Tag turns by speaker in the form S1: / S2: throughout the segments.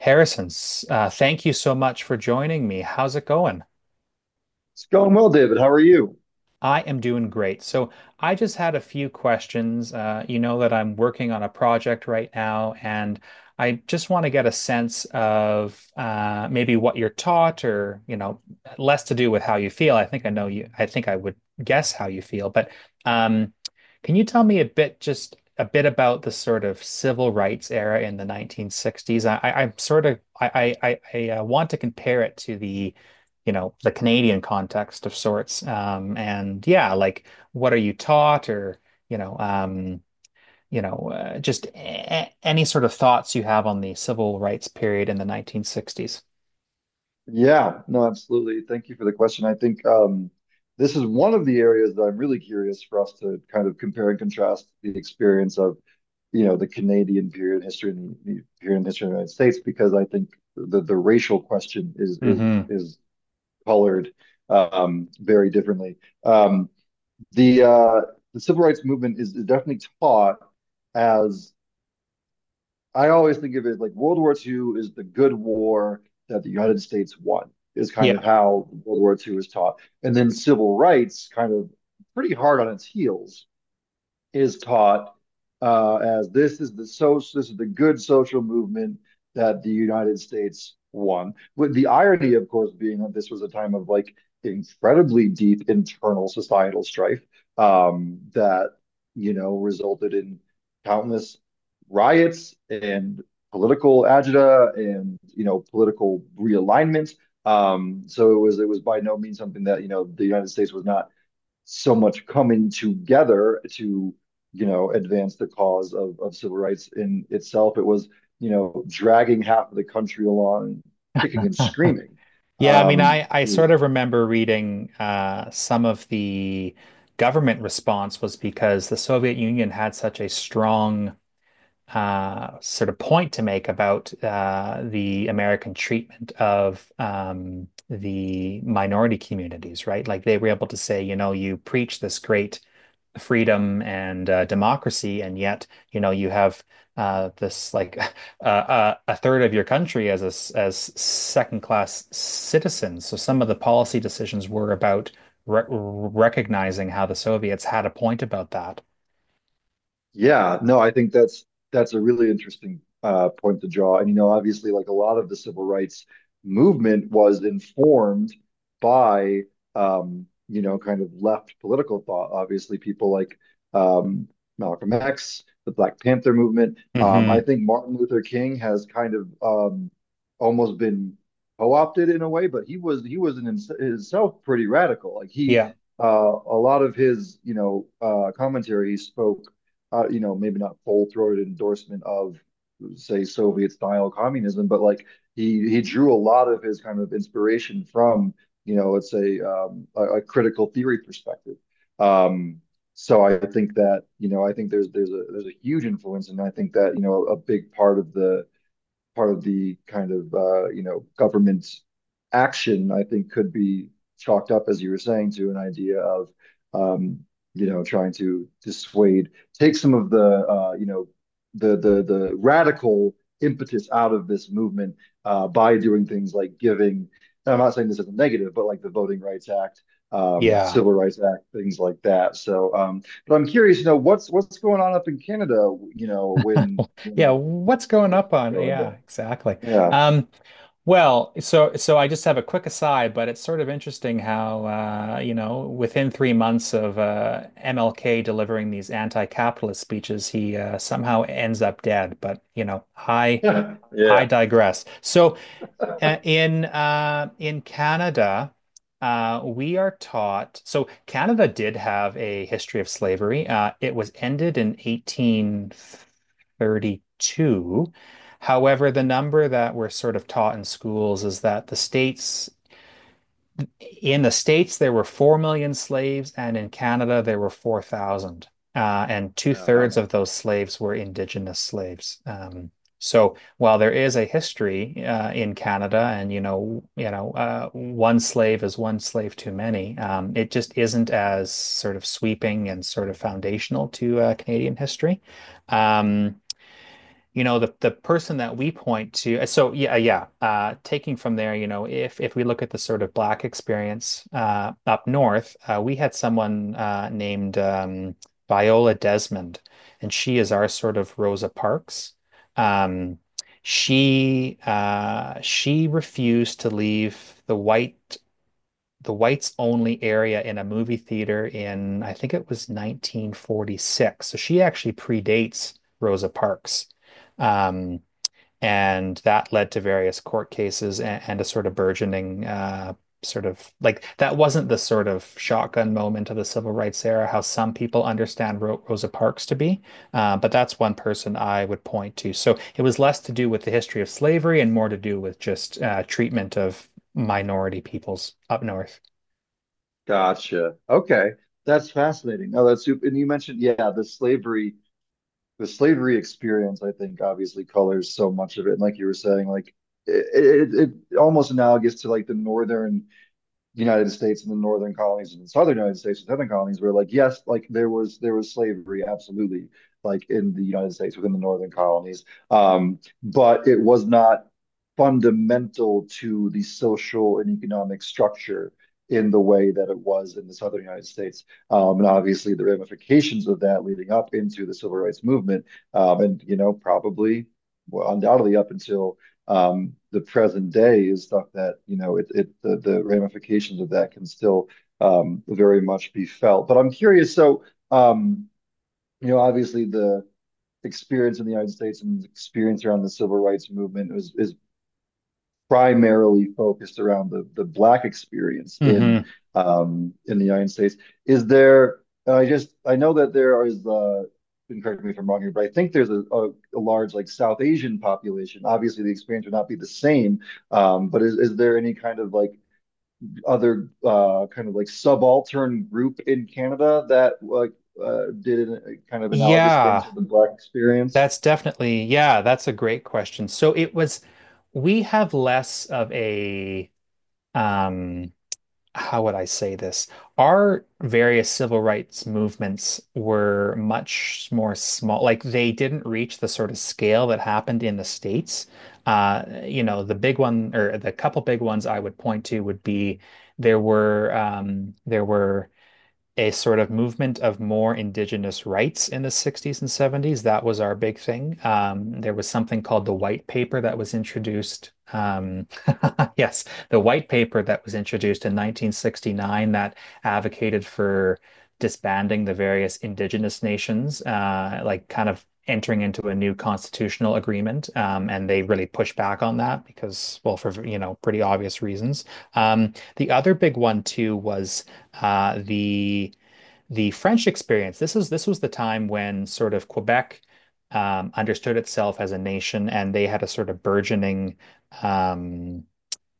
S1: Harrison, thank you so much for joining me. How's it going?
S2: It's going well, David. How are you?
S1: I am doing great. So I just had a few questions. You know that I'm working on a project right now, and I just want to get a sense of maybe what you're taught, or you know, less to do with how you feel. I think I know you. I think I would guess how you feel, but um, can you tell me a bit, just a bit about the sort of civil rights era in the 1960s? I'm sort of I want to compare it to the you know, the Canadian context of sorts. And yeah, like what are you taught or, you know, just a any sort of thoughts you have on the civil rights period in the 1960s.
S2: Yeah, no, absolutely. Thank you for the question. I think this is one of the areas that I'm really curious for us to kind of compare and contrast the experience of, you know, the Canadian period in history and the period in history of the United States, because I think the racial question is is
S1: Hmm.
S2: is colored very differently. Um, the uh, the civil rights movement is definitely taught as I always think of it like World War Two is the good war that the United States won, is kind of
S1: Yeah.
S2: how World War Two is taught. And then civil rights kind of pretty hard on its heels is taught as this is the good social movement that the United States won, with the irony, of course, being that this was a time of like incredibly deep internal societal strife that you know resulted in countless riots and political agita and you know political realignment. So it was by no means something that you know the United States was not so much coming together to, you know, advance the cause of civil rights in itself. It was, you know, dragging half of the country along, kicking and
S1: Huh.
S2: screaming,
S1: Yeah, I mean,
S2: um,
S1: I sort of remember reading some of the government response was because the Soviet Union had such a strong sort of point to make about the American treatment of the minority communities, right? Like they were able to say, you know, you preach this great freedom and democracy, and yet, you know, you have this like a third of your country as as second class citizens. So some of the policy decisions were about re recognizing how the Soviets had a point about that.
S2: Yeah, no, I think that's a really interesting point to draw. And you know, obviously, like a lot of the civil rights movement was informed by you know, kind of left political thought. Obviously, people like um, Malcolm X, the Black Panther movement. I
S1: Hmm.
S2: think Martin Luther King has kind of almost been co-opted in a way, but he was in himself pretty radical. Like he,
S1: Yeah.
S2: uh, a lot of his you know commentary he spoke you know, maybe not full throated endorsement of say Soviet style communism, but like he drew a lot of his kind of inspiration from, you know, let's say a critical theory perspective. Um, so I think that, you know, I think there's a huge influence, and I think that, you know, a big part of the kind of you know government action, I think, could be chalked up, as you were saying, to an idea of um, you know trying to dissuade, take some of the you know the radical impetus out of this movement by doing things like giving. And I'm not saying this is a negative, but like the Voting Rights Act,
S1: Yeah.
S2: Civil Rights Act, things like that. So, but I'm curious, you know, what's going on up in Canada, you know, when
S1: Yeah,
S2: when
S1: what's going
S2: this
S1: up
S2: is
S1: on?
S2: going
S1: Yeah,
S2: down.
S1: exactly.
S2: Yeah.
S1: Um, well, so I just have a quick aside, but it's sort of interesting how you know, within 3 months of MLK delivering these anti-capitalist speeches, he somehow ends up dead. But you know, I
S2: Yeah.
S1: digress. So in Canada, we are taught. So Canada did have a history of slavery. It was ended in 1832. However, the number that we're sort of taught in schools is that the States, there were 4 million slaves, and in Canada, there were 4,000. And two-thirds
S2: Um,
S1: of those slaves were indigenous slaves. So while there is a history in Canada, and one slave is one slave too many, it just isn't as sort of sweeping and sort of foundational to Canadian history. Um, you know the person that we point to so taking from there, you know, if we look at the sort of black experience up north, we had someone named Viola Desmond, and she is our sort of Rosa Parks. um she refused to leave the whites only area in a movie theater in, I think it was 1946. So she actually predates Rosa Parks. Um, and that led to various court cases and a sort of burgeoning, sort of like that wasn't the sort of shotgun moment of the civil rights era, how some people understand Ro Rosa Parks to be. But that's one person I would point to. So it was less to do with the history of slavery and more to do with just treatment of minority peoples up north.
S2: gotcha. Okay. That's fascinating. No, that's super. And you mentioned, yeah, the slavery experience, I think obviously colors so much of it. And like you were saying, like it, it, it almost analogous to like the northern the United States and the northern colonies and the southern United States and southern colonies were like, yes, like there was slavery, absolutely, like in the United States within the northern colonies. But it was not fundamental to the social and economic structure in the way that it was in the southern United States. And obviously the ramifications of that leading up into the civil rights movement, and you know, probably well, undoubtedly up until the present day is stuff that you know the ramifications of that can still very much be felt. But I'm curious. So um, you know, obviously the experience in the United States and the experience around the civil rights movement is primarily focused around the Black experience
S1: Hmm.
S2: in the United States. Is there? I just I know that there is. And correct me if I'm wrong here, but I think there's a large like South Asian population. Obviously, the experience would not be the same. But is there any kind of like other kind of like subaltern group in Canada that like did a kind of analogous thing
S1: Yeah,
S2: to the Black experience?
S1: that's definitely, yeah, that's a great question. So it was, we have less of a, um, how would I say this? Our various civil rights movements were much more small. Like they didn't reach the sort of scale that happened in the States. You know, the big one or the couple big ones I would point to would be there were a sort of movement of more indigenous rights in the 60s and 70s. That was our big thing. There was something called the White Paper that was introduced. Yes, the White Paper that was introduced in 1969 that advocated for disbanding the various indigenous nations, like kind of entering into a new constitutional agreement. And they really pushed back on that because, well, for, you know, pretty obvious reasons. The other big one, too, was uh, the the French experience. This was the time when sort of Quebec understood itself as a nation, and they had a sort of burgeoning um,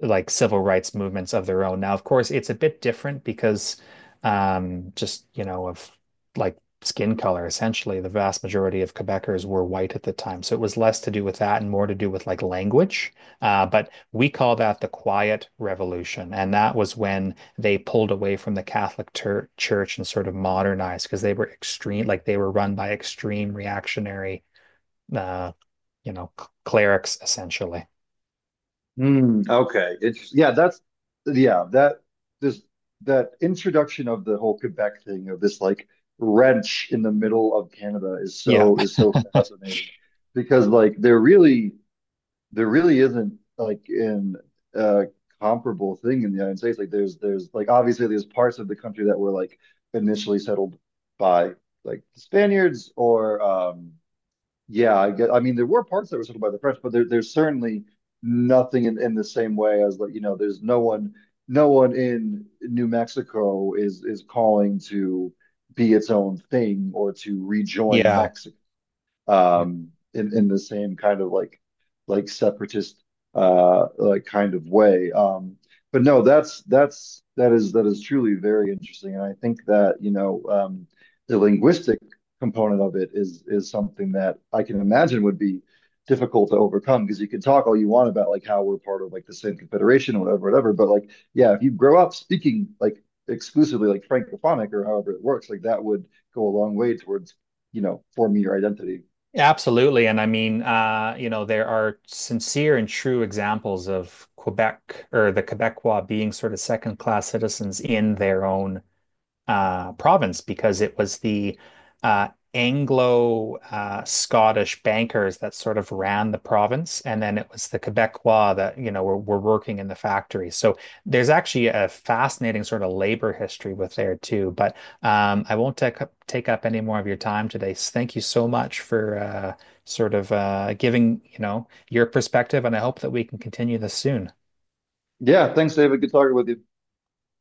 S1: like civil rights movements of their own. Now, of course, it's a bit different because just, you know, of like skin color, essentially, the vast majority of Quebecers were white at the time. So it was less to do with that and more to do with like language. But we call that the Quiet Revolution. And that was when they pulled away from the Church and sort of modernized because they were extreme, like they were run by extreme reactionary, uh, you know, clerics, essentially.
S2: Mm, okay. It's yeah, that's yeah, that this that introduction of the whole Quebec thing of this like wrench in the middle of Canada
S1: Yeah.
S2: is so fascinating because like there really isn't like an uh comparable thing in the United States. Like there's like obviously there's parts of the country that were like initially settled by like the Spaniards or yeah, I get, I mean, there were parts that were settled by the French, but there's certainly nothing in the same way as like, you know, there's no one, no one in New Mexico is calling to be its own thing or to rejoin
S1: Yeah.
S2: Mexico
S1: Yeah.
S2: um, in the same kind of like separatist like kind of way. But no, that is truly very interesting, and I think that you know the linguistic component of it is something that I can imagine would be difficult to overcome because you can talk all you want about like how we're part of like the same confederation or whatever, whatever. But like, yeah, if you grow up speaking like exclusively like Francophonic or however it works, like that would go a long way towards, you know, forming your identity.
S1: Absolutely. And I mean, you know, there are sincere and true examples of Quebec or the Quebecois being sort of second class citizens in their own province because it was the uh, Anglo Scottish bankers that sort of ran the province, and then it was the Quebecois that you know were working in the factories. So there's actually a fascinating sort of labor history with there too. But I won't take up any more of your time today. So thank you so much for sort of giving you know your perspective, and I hope that we can continue this soon.
S2: Yeah, thanks, David. Good talking with you.